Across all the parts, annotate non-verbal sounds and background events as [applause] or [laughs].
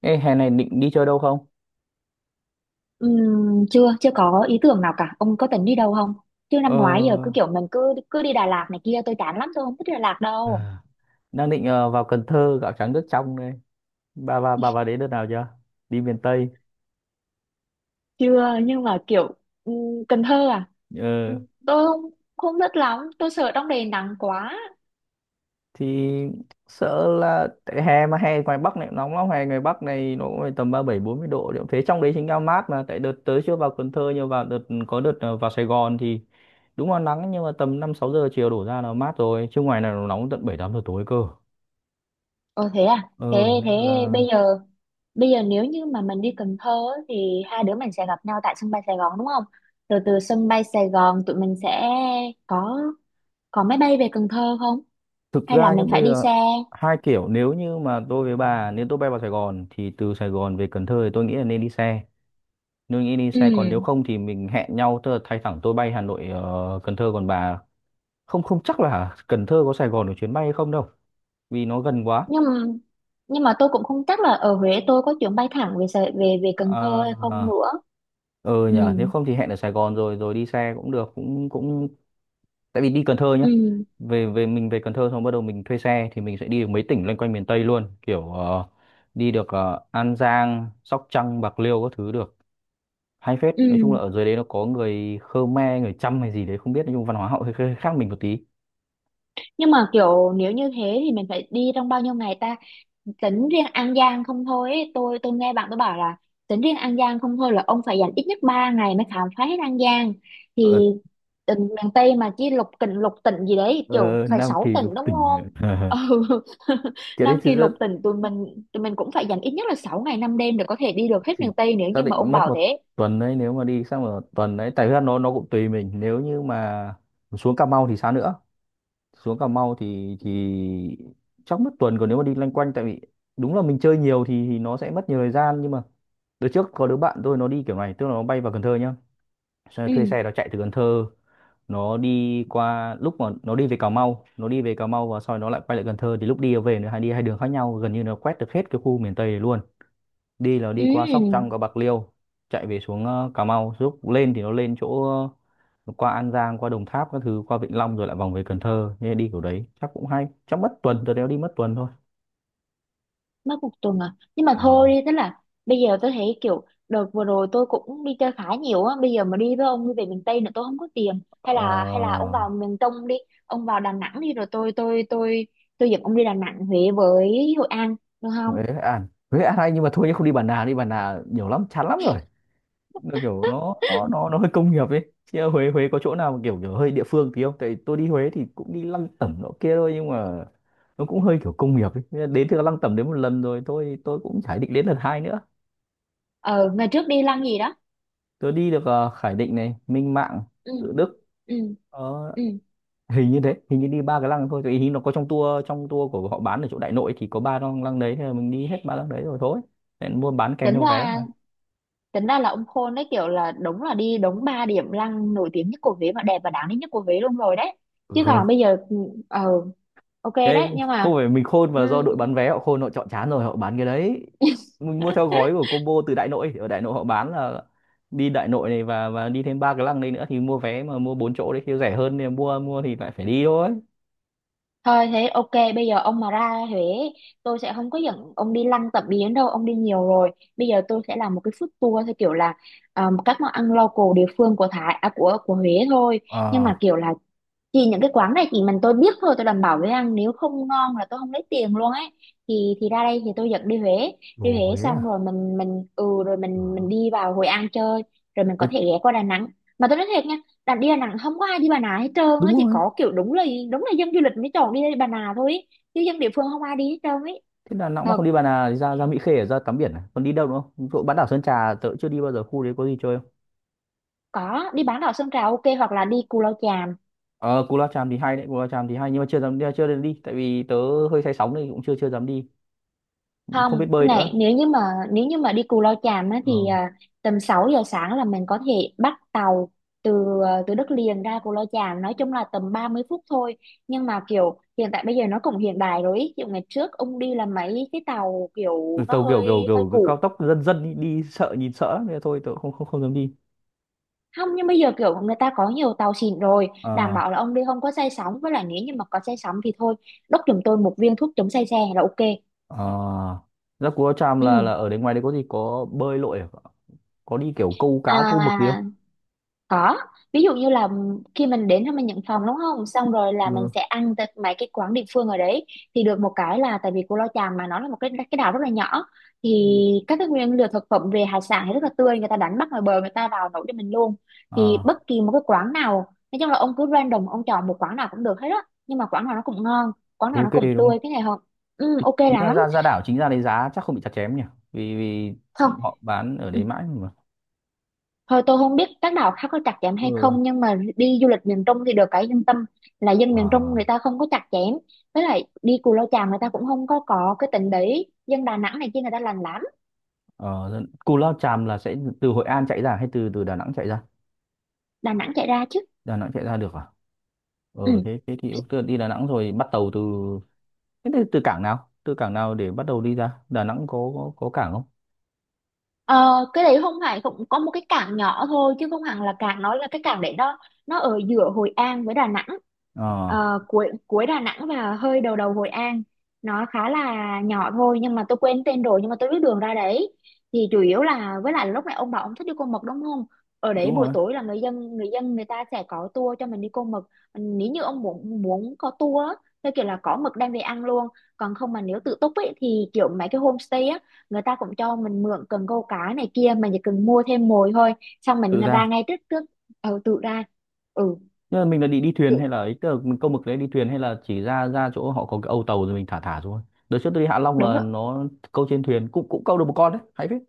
Ê, hè này định đi chơi đâu không? Chưa chưa có ý tưởng nào cả, ông có tính đi đâu không? Chứ Ờ, năm ngoái giờ cứ kiểu mình cứ cứ đi Đà Lạt này kia, tôi chán lắm, tôi không thích Đà Lạt đâu. À, đang định vào Cần Thơ gạo trắng nước trong đây. Bà vào đấy đợt nào chưa? Đi miền Tây. Chưa, nhưng mà kiểu ừm, Cần Thơ à? Ờ, Tôi không không thích lắm, tôi sợ trong này nắng quá. thì sợ là tại hè mà hè ngoài Bắc này cũng nóng lắm, hè ngoài Bắc này nó cũng phải tầm 37-40 độ. Liệu thế trong đấy chính là mát, mà tại đợt tới chưa vào Cần Thơ nhưng vào đợt có đợt vào Sài Gòn thì đúng là nắng, nhưng mà tầm 5-6 giờ chiều đổ ra là mát rồi, chứ ngoài này nó nóng tận 7-8 giờ tối cơ. Ồ thế à? thế Ờ, thế nên là bây giờ bây giờ nếu như mà mình đi Cần Thơ á, thì hai đứa mình sẽ gặp nhau tại sân bay Sài Gòn đúng không? Rồi từ sân bay Sài Gòn tụi mình sẽ có có máy bay về Cần Thơ không, thực hay là ra nhá, mình bây phải đi giờ xe? hai kiểu, nếu như mà tôi với bà, nếu tôi bay vào Sài Gòn thì từ Sài Gòn về Cần Thơ thì tôi nghĩ là nên đi xe, nên nghĩ đi xe. Còn nếu Ừ, không thì mình hẹn nhau, tức là thay thẳng tôi bay Hà Nội Cần Thơ, còn bà không, không chắc là Cần Thơ có Sài Gòn được chuyến bay hay không đâu, vì nó gần quá. nhưng mà nhưng mà tôi cũng không chắc là ở Huế tôi có chuyến bay thẳng về Sài- về về Cần Thơ Ờ, hay không ờ, nữa. ờ, Ừ. nhờ nếu không thì hẹn ở Sài Gòn rồi rồi đi xe cũng được, cũng cũng tại vì đi Cần Thơ nhá, Ừ. về về mình về Cần Thơ xong bắt đầu mình thuê xe thì mình sẽ đi được mấy tỉnh loanh quanh miền Tây luôn, kiểu đi được An Giang, Sóc Trăng, Bạc Liêu các thứ được, hay phết. Nói chung Ừ. là ở dưới đấy nó có người Khmer, người Chăm hay gì đấy không biết, nói chung văn hóa họ hơi, hơi khác mình một tí. Nhưng mà kiểu nếu như thế thì mình phải đi trong bao nhiêu ngày ta? Tính riêng An Giang không thôi ấy. Tôi nghe bạn tôi bảo là tính riêng An Giang không thôi là ông phải dành ít nhất 3 ngày mới khám phá hết An Giang. ở Thì tỉnh miền Tây mà chỉ lục tỉnh, gì đấy, kiểu ờ, phải Nam 6 Kỳ tỉnh lục đúng tỉnh. không? Ờ. Ừ. [laughs] [laughs] Kiểu đấy Nam thì Kỳ lục rất, tỉnh tụi mình, cũng phải dành ít nhất là 6 ngày 5 đêm để có thể đi được hết thì miền Tây nếu xác như mà định ông mất bảo một thế. tuần đấy, nếu mà đi sang một tuần đấy, tại vì nó cũng tùy mình, nếu như mà xuống Cà Mau thì sao nữa, xuống Cà Mau thì chắc mất tuần. Còn nếu mà đi loanh quanh, tại vì đúng là mình chơi nhiều thì nó sẽ mất nhiều thời gian, nhưng mà đợt trước có đứa bạn tôi nó đi kiểu này, tức là nó bay vào Cần Thơ nhá, xong rồi Ừ. thuê xe nó chạy từ Cần Thơ, nó đi qua lúc mà nó đi về Cà Mau, nó đi về Cà Mau và sau đó nó lại quay lại Cần Thơ, thì lúc đi và về nó hay đi hai đường khác nhau, gần như nó quét được hết cái khu miền Tây này luôn. Đi là Ừ. đi qua Sóc Trăng, qua Bạc Liêu, chạy về xuống Cà Mau, lúc lên thì nó lên chỗ nó qua An Giang, qua Đồng Tháp các thứ, qua Vĩnh Long rồi lại vòng về Cần Thơ, nên đi kiểu đấy chắc cũng hay, chắc mất tuần, tôi đéo đi mất tuần thôi. Mất một tuần à? Nhưng mà Ờ. thôi đi, tức là bây giờ tôi thấy kiểu đợt vừa rồi tôi cũng đi chơi khá nhiều á, bây giờ mà đi với ông đi về miền Tây nữa tôi không có tiền. Hay Ờ... là ông vào miền Trung đi. Ông vào Đà Nẵng đi, rồi tôi dẫn ông đi Đà Nẵng, Huế với Hội An được không? Huế An, Huế An hay, nhưng mà thôi nhé, không đi Bản Nào, đi Bản Nào nhiều lắm, chán lắm rồi. Nó kiểu nó hơi công nghiệp ấy, chứ ở Huế, có chỗ nào mà kiểu kiểu hơi địa phương tí không, tại tôi đi Huế thì cũng đi lăng tẩm nọ kia thôi, nhưng mà nó cũng hơi kiểu công nghiệp ấy. Thế là đến từ lăng tẩm đến một lần rồi thôi, tôi cũng chả định đến lần hai nữa. Ờ, ngày trước đi lăng gì đó. Tôi đi được Khải Định này, Minh Mạng, Ừ. Tự Đức. Ừ. Ờ, Ừ. hình như thế, hình như đi ba cái lăng thôi, tại hình nó có trong tour, của họ bán ở chỗ Đại Nội thì có ba lăng, lăng đấy thì mình đi hết ba lăng đấy rồi thôi, nên mua bán kèm tính theo vé ra mà. Tính ra là ông khôn đấy, kiểu là đúng là đi đúng ba điểm lăng nổi tiếng nhất của Huế, và đẹp và đáng đến nhất của Huế luôn rồi đấy. Ừ, Chứ còn bây giờ ờ ok đấy, cái nhưng không mà phải mình khôn ừm, mà do đội bán vé họ khôn, họ chọn chán rồi họ bán cái đấy. Mình mua theo gói của combo từ Đại Nội, ở Đại Nội họ bán là đi Đại Nội này và đi thêm ba cái lăng đây nữa, thì mua vé mà mua bốn chỗ đấy thì rẻ hơn, thì mua, thì lại phải đi thôi. thôi thế ok, bây giờ ông mà ra Huế tôi sẽ không có dẫn ông đi lăng tẩm biến đâu, ông đi nhiều rồi. Bây giờ tôi sẽ làm một cái food tour theo kiểu là các món ăn local địa phương của Thái à, của Huế thôi. Nhưng Ờ. mà kiểu là chỉ những cái quán này chỉ mình tôi biết thôi, tôi đảm bảo với ăn nếu không ngon là tôi không lấy tiền luôn ấy. Thì ra đây thì tôi dẫn đi Huế. Đi Đồ Huế Huế à? xong rồi mình ừ rồi Ờ. mình đi vào Hội An chơi. Rồi mình có Đấy, thể ghé qua Đà Nẵng. Mà tôi nói thiệt nha, đi Đà Nẵng không có ai đi Bà Nà hết trơn đúng á, chỉ rồi. có kiểu đúng là dân du lịch mới chọn đi Bà Nà thôi ý. Chứ dân địa phương không ai đi hết trơn ấy. Thế Đà Nẵng mà Ờ, không đi Bà Nà thì ra ra Mỹ Khê để ra tắm biển à? Còn đi đâu nữa không? Chỗ bán đảo Sơn Trà tớ chưa đi bao giờ, khu đấy có gì chơi không? có, đi bán đảo Sơn Trà ok, hoặc là đi Cù Lao Chàm. Ờ, Cù Lao Chàm thì hay đấy, Cù Lao Chàm thì hay, nhưng mà chưa dám đi, tại vì tớ hơi say sóng nên cũng chưa chưa dám đi. Không Không, biết cái bơi này nữa. nếu như mà đi Cù Lao Chàm á Ờ. thì tầm 6 giờ sáng là mình có thể bắt tàu từ từ đất liền ra Cù Lao Chàm, nói chung là tầm 30 phút thôi. Nhưng mà kiểu hiện tại bây giờ nó cũng hiện đại rồi ý. Kiểu ngày trước ông đi là mấy cái tàu Ừ, kiểu nó tàu kiểu kiểu hơi hơi kiểu cái cao cũ. tốc, dân dân đi, đi sợ, nhìn sợ lắm. Thế thôi tôi không không không dám đi. Không, nhưng bây giờ kiểu người ta có nhiều tàu xịn rồi, đảm Ờ. bảo là ông đi không có say sóng, với lại nếu như mà có say sóng thì thôi, đốc giùm tôi một viên thuốc chống say xe là ok. Ờ, ra Cú Lao Chàm Ừ. là ở đấy, ngoài đấy có gì, có bơi lội à? Có đi kiểu câu cá, câu mực gì không? À, có, ví dụ như là khi mình đến thì mình nhận phòng đúng không? Xong rồi là mình Ừ. sẽ ăn tại mấy cái quán địa phương ở đấy. Thì được một cái là tại vì Cù Lao Chàm mà nó là một cái đảo rất là nhỏ, thì Ừ. các cái nguyên liệu thực phẩm về hải sản thì rất là tươi, người ta đánh bắt ngoài bờ người ta vào nấu cho mình luôn. Thì Ờ bất kỳ một cái quán nào, nói chung là ông cứ random ông chọn một quán nào cũng được hết á, nhưng mà quán nào nó cũng ngon, quán thôi, nào nó ok cũng đúng tươi, không. cái này không? Ừ, Thì ok chính là lắm. ra, đảo, chính ra đấy giá chắc không bị chặt chém nhỉ, vì vì Không. họ bán ở đấy mãi mà. Thôi tôi không biết các đảo khác có chặt chém Ừ. hay không, nhưng mà đi du lịch miền Trung thì được cái yên tâm là dân miền Trung Ờ. người ta không có chặt chém. Với lại đi Cù Lao Chàm người ta cũng không có cái tính đấy, dân Đà Nẵng này kia người ta lành lắm. Ờ, dân- Cú Lao Chàm là sẽ từ Hội An chạy ra hay từ từ Đà Nẵng chạy ra? Đà Nẵng chạy ra chứ. Đà Nẵng chạy ra được à? Ờ Ừ. thế, thì ok, đi Đà Nẵng rồi bắt tàu từ thế thì từ cảng nào? Từ cảng nào để bắt đầu đi ra? Đà Nẵng có cảng không? Ờ, cái đấy không phải, cũng có một cái cảng nhỏ thôi chứ không hẳn là cảng, nó là cái cảng đấy, nó ở giữa Hội An với Đà Nẵng. Ờ, Ờ, cuối cuối Đà Nẵng và hơi đầu đầu Hội An, nó khá là nhỏ thôi nhưng mà tôi quên tên rồi, nhưng mà tôi biết đường ra đấy. Thì chủ yếu là với lại lúc này ông bảo ông thích đi Côn Mật đúng không? Ở đấy đúng buổi rồi, tối là người ta sẽ có tour cho mình đi Côn Mật. Nếu như ông muốn muốn có tour á, theo kiểu là có mực đem về ăn luôn. Còn không mà nếu tự túc ấy thì kiểu mấy cái homestay á, người ta cũng cho mình mượn cần câu cá này kia, mình chỉ cần mua thêm mồi thôi, xong mình tự ra ra. ngay trước trước. Ừ, tự ra. Ừ, Nhưng mà mình là đi đi thuyền tự, hay là ấy, tức là mình câu mực đấy đi thuyền hay là chỉ ra ra chỗ họ có cái âu tàu rồi mình thả thả xuống. Đợt trước tôi đi Hạ Long đúng là rồi. nó câu trên thuyền, cũng cũng câu được một con đấy, hay phết.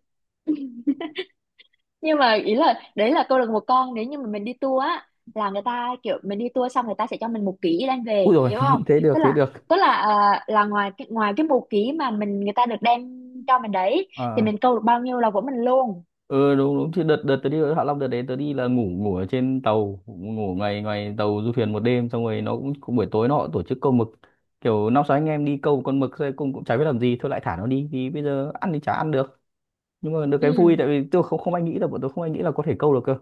Nhưng mà ý là đấy là câu lạc bộ con, nếu như mà mình đi tour á là người ta kiểu mình đi tour xong người ta sẽ cho mình 1 ký đem Ui về rồi, hiểu không? [laughs] thế được, tức thế là được. tức là là ngoài cái một ký mà mình người ta được đem cho mình đấy, thì Ờ. mình câu được bao nhiêu là của mình luôn. Ừ, đúng, đúng chứ, đợt đợt tớ đi Hạ Long, đợt đấy tớ đi là ngủ ngủ ở trên tàu, ngủ ngoài ngoài tàu du thuyền một đêm, xong rồi nó cũng, cũng buổi tối nó cũng tổ chức câu mực, kiểu năm sáu anh em đi câu một con mực thôi, cũng cũng chả biết làm gì thôi lại thả nó đi, thì bây giờ ăn thì chả ăn được, nhưng mà được Ừ. cái vui, tại vì tôi không không ai nghĩ là bọn tôi không ai nghĩ là có thể câu được cơ.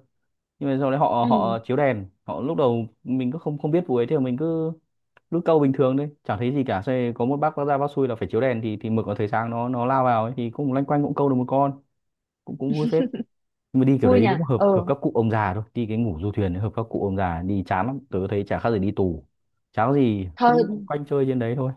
Nhưng mà sau đấy họ Ừ. họ chiếu đèn, họ lúc đầu mình cứ không không biết vụ ấy thì mình cứ lúc câu bình thường đấy chẳng thấy gì cả. Xong rồi có một bác ra, bác xui là phải chiếu đèn thì mực nó thấy sáng nó lao vào ấy, thì cũng loanh quanh cũng câu được một con, cũng cũng vui phết. Nhưng mà đi kiểu Vui đấy nhỉ. đúng hợp hợp Ừ. các cụ ông già thôi, đi cái ngủ du thuyền ấy, hợp các cụ ông già đi chán lắm, tớ thấy chả khác gì đi tù, chán, có gì cứ Thôi quanh chơi trên đấy thôi.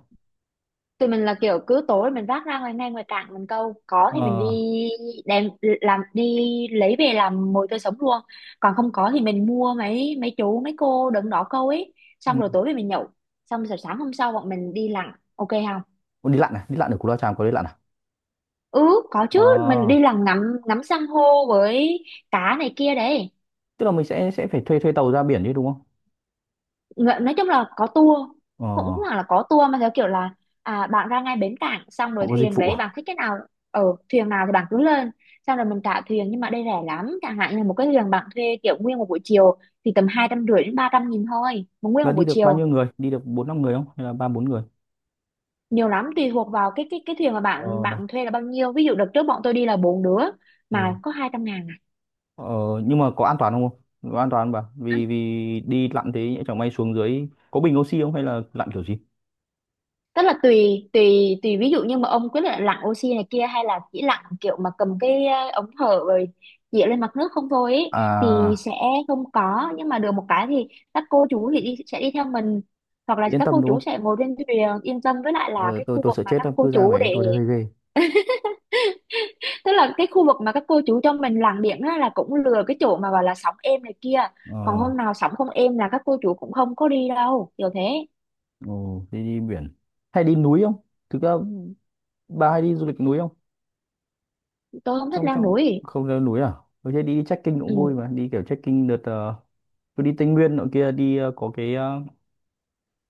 tụi mình là kiểu cứ tối mình vác ra ngoài ngay ngoài cảng mình câu, có thì mình Ờ. đi đem làm đi, lấy về làm mồi tươi sống luôn. Còn không có thì mình mua mấy mấy chú mấy cô đứng đó câu ấy, Ừ. xong rồi tối về mình nhậu, xong rồi sáng hôm sau bọn mình đi lặn ok không? Ủa, đi lặn à, đi lặn ở Cù Lao Chàm có đi lặn à? Ừ, có chứ, mình đi Ờ, lặn ngắm ngắm san hô với cá này kia đấy. tức là mình sẽ phải thuê thuê tàu ra biển chứ, đúng không? Dạ, nói chung là có tour, Ờ, cũng không hẳn là có tour mà theo kiểu là bạn ra ngay bến cảng, xong họ rồi có dịch thuyền vụ đấy à? bạn thích cái nào, ở thuyền nào thì bạn cứ lên, xong rồi mình trả thuyền. Nhưng mà đây rẻ lắm, chẳng hạn như một cái thuyền bạn thuê kiểu nguyên một buổi chiều thì tầm 250 đến 300 nghìn thôi, một nguyên Là một đi buổi được bao chiều. nhiêu người, đi được bốn năm người không hay là ba bốn người? Nhiều lắm, tùy thuộc vào cái thuyền mà Ờ. bạn bạn thuê là bao nhiêu. Ví dụ đợt trước bọn tôi đi là bốn đứa Ừ. mà có 200 ngàn. ờ nhưng mà có an toàn không? Không, có an toàn không bà? À, Vì vì đi lặn thế nhỡ chẳng may xuống dưới có bình oxy không hay là lặn kiểu gì? tức là tùy tùy tùy ví dụ như mà ông quyết định lặn oxy này kia, hay là chỉ lặn kiểu mà cầm cái ống thở rồi dịa lên mặt nước không thôi ý, thì à sẽ không có. Nhưng mà được một cái thì các cô chú sẽ đi theo mình, hoặc là Yên các tâm cô đúng chú không? sẽ ngồi trên thuyền yên tâm. Với lại là Ờ, cái tôi khu tôi vực sợ mà chết các lắm, cô cứ ra chú mấy để, tôi thấy hơi ghê. tức là cái khu vực mà các cô chú cho mình lặn biển á, là cũng lừa cái chỗ mà gọi là sóng êm này kia. Còn ờ hôm nào sóng không êm là các cô chú cũng không có đi đâu, kiểu thế. ừ, đi đi biển hay đi núi không? Thực ra bà hay đi du lịch núi không? Tôi không thích Trong leo trong núi. Không leo núi à? Tôi thấy đi trekking cũng Ừ. vui mà, đi kiểu trekking đợt tôi đi Tây Nguyên nọ kia, đi có cái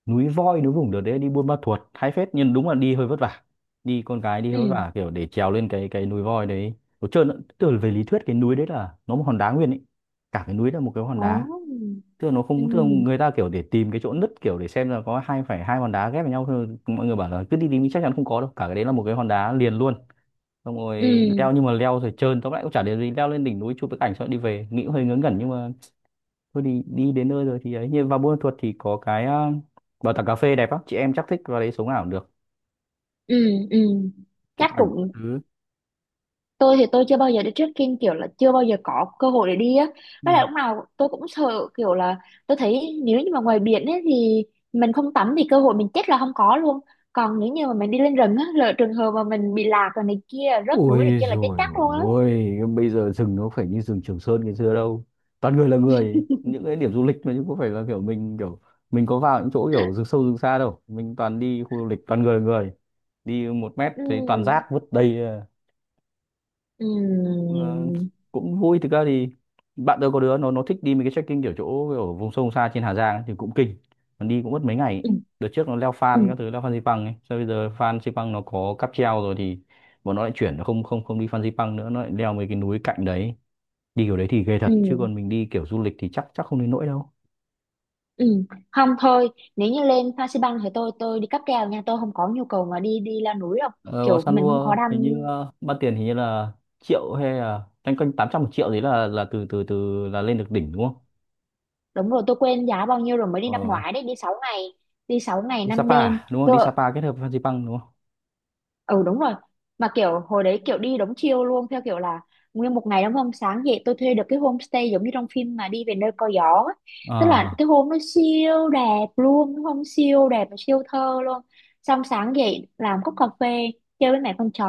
núi voi núi vùng. Đợt đấy đi Buôn Ma Thuột hay phết, nhưng đúng là đi hơi vất vả, đi con gái đi hơi vất Ừ. vả, kiểu để trèo lên cái núi voi đấy. Tôi trơn từ về lý thuyết cái núi đấy là nó một hòn đá nguyên ấy, cả cái núi là một cái hòn đá. Ồ. Tức là nó Ừ. không, tức là người ta kiểu để tìm cái chỗ nứt, kiểu để xem là có hai hòn đá ghép với nhau thôi, mọi người bảo là cứ đi tìm thì chắc chắn không có đâu, cả cái đấy là một cái hòn đá liền luôn. Xong rồi Ừ. leo, nhưng mà leo rồi trơn, tóm lại cũng chả để gì, leo lên đỉnh núi chụp cái ảnh xong rồi đi về, nghĩ cũng hơi ngớ ngẩn. Nhưng mà thôi, đi đi đến nơi rồi thì ấy, như vào Buôn Ma Thuột thì có cái bảo tàng cà phê đẹp lắm, chị em chắc thích vào đấy sống ảo được, Ừ. Ừ. chụp Chắc ảnh các cũng, thứ. tôi thì tôi chưa bao giờ đi trekking, kiểu là chưa bao giờ có cơ hội để đi á. Ừ. Với lại lúc nào tôi cũng sợ kiểu là tôi thấy nếu như mà ngoài biển ấy thì mình không tắm thì cơ hội mình chết là không có luôn. Còn nếu như mà mình đi lên rừng á, lỡ trường hợp mà mình bị lạc rồi này kia, rớt núi này Ôi kia là chết rồi, chắc luôn á. ôi bây giờ rừng nó phải như rừng Trường Sơn ngày xưa đâu, toàn người là người, những cái điểm du lịch mà, chứ có phải là kiểu mình có vào những chỗ kiểu rừng sâu rừng xa đâu, mình toàn đi khu du lịch toàn người là người, đi một mét thấy toàn rác Ừ. vứt đầy. Ừ. Ờ, cũng vui. Thực ra thì bạn tôi có đứa nó thích đi mấy cái trekking kiểu chỗ ở vùng sâu vùng xa trên Hà Giang ấy, thì cũng kinh, còn đi cũng mất mấy ngày ấy. Ừ. Đợt trước nó leo Ừ. Phan các thứ, leo Phan Xipang ấy, sau bây giờ Phan Xipang nó có cáp treo rồi thì bọn nó lại chuyển, nó không không không đi Phan Xipang nữa, nó lại leo mấy cái núi cạnh đấy. Đi kiểu đấy thì ghê Ừ. thật, chứ còn mình đi kiểu du lịch thì chắc chắc không đến nỗi đâu. Ừ, không, thôi, nếu như lên Phan Xi Păng thì tôi đi cáp treo nha, tôi không có nhu cầu mà đi đi leo núi đâu. Ờ, có Kiểu San mình không Lua có đăng, hình như ban tiền hình như là triệu hay là canh quanh 800 một triệu đấy, là từ từ từ là lên được đỉnh đúng không? đúng rồi, tôi quên giá bao nhiêu rồi. Mới đi năm Ờ, ngoái đấy, đi 6 ngày, đi sáu ngày đi năm Sapa đêm à? Đúng không, đi Tôi, Sapa kết hợp với Phan Xipang đúng không? ừ, đúng rồi. Mà kiểu hồi đấy kiểu đi đống chiêu luôn, theo kiểu là nguyên một ngày đúng không, sáng dậy tôi thuê được cái homestay giống như trong phim mà đi về nơi có gió á. Tức là Ờ. cái hôm nó siêu đẹp luôn đúng không, siêu đẹp và siêu thơ luôn. Xong sáng dậy làm cốc cà phê, chơi với mẹ con chó,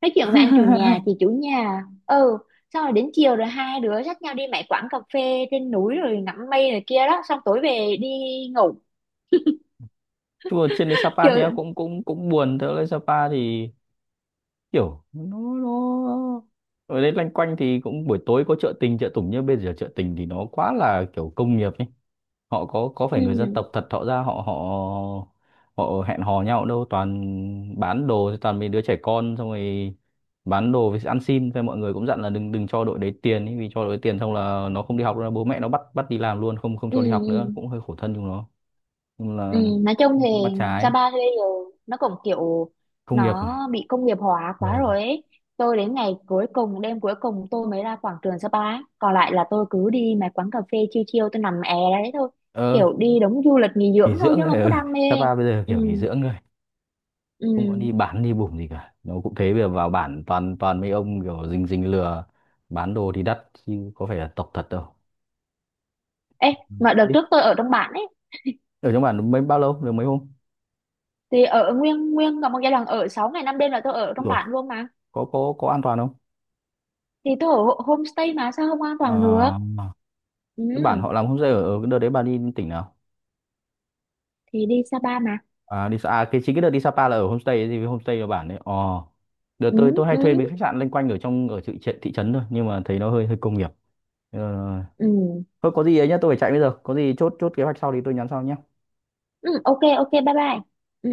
nói chuyện với anh chủ nhà chị chủ nhà. Ừ, xong rồi đến chiều rồi hai đứa dắt nhau đi mấy quán cà phê trên núi rồi ngắm mây này kia đó, xong tối về đi ngủ. Chứ mà trên đấy Sapa thì em Kiểu. cũng cũng cũng buồn thế, lên Sapa thì kiểu nó ở đây loanh quanh thì cũng buổi tối có chợ tình chợ tủng, nhưng bây giờ chợ tình thì nó quá là kiểu công nghiệp ấy, họ có phải người dân Ừ. tộc thật họ ra họ họ họ hẹn hò nhau đâu, toàn bán đồ thì toàn mấy đứa trẻ con, xong rồi bán đồ với ăn xin, thế mọi người cũng dặn là đừng đừng cho đội đấy tiền ấy, vì cho đội đấy tiền xong là nó không đi học nữa, bố mẹ nó bắt bắt đi làm luôn, không không Ừ. cho đi học nữa, Ừ. cũng hơi khổ thân chúng nó. Nhưng Ừ, là nói chung thì cũng mắt trái, Sapa bây giờ nó cũng kiểu công nghiệp nó này, bị công nghiệp hóa quá ờ, rồi ấy. Tôi đến ngày cuối cùng, đêm cuối cùng tôi mới ra quảng trường Sapa ấy. Còn lại là tôi cứ đi mấy quán cà phê chiêu chiêu, tôi nằm è ra đấy thôi. ờ, Kiểu đi đúng du lịch nghỉ dưỡng nghỉ thôi dưỡng chứ này, không có đam [laughs] mê. Sapa bây giờ kiểu nghỉ Ừ, dưỡng rồi, không có ừ. đi bán đi bủng gì cả. Nó cũng thế, bây giờ vào bản toàn toàn mấy ông kiểu rình rình lừa, bán đồ thì đắt, chứ có phải là tộc thật đâu. Ê, Ừ. mà đợt Ít. trước tôi ở trong bản ấy. Ở trong bản mấy bao lâu? Được mấy hôm? Thì ở nguyên nguyên cả một giai đoạn ở 6 ngày 5 đêm là tôi ở trong Rồi, bản luôn mà. có có an toàn không? Thì tôi ở homestay mà sao không an toàn được. Ờ, Ừ, cái bản họ làm homestay ở, ở cái đợt đấy bà đi tỉnh nào? thì đi Sapa mà. À, đi Sa- à, cái chính cái đợt đi Sapa là ở homestay ấy, thì homestay ở bản đấy. Ờ. Đợt Ừ, tôi, hay ừ, thuê mấy khách sạn loanh quanh ở trong ở thị, thị trấn thôi, nhưng mà thấy nó hơi hơi công nghiệp. Ờ, ừ. thôi có gì ấy nhá, tôi phải chạy bây giờ, có gì chốt chốt kế hoạch sau thì tôi nhắn sau nhé. Ừ, ok ok, bye bye. Ừ.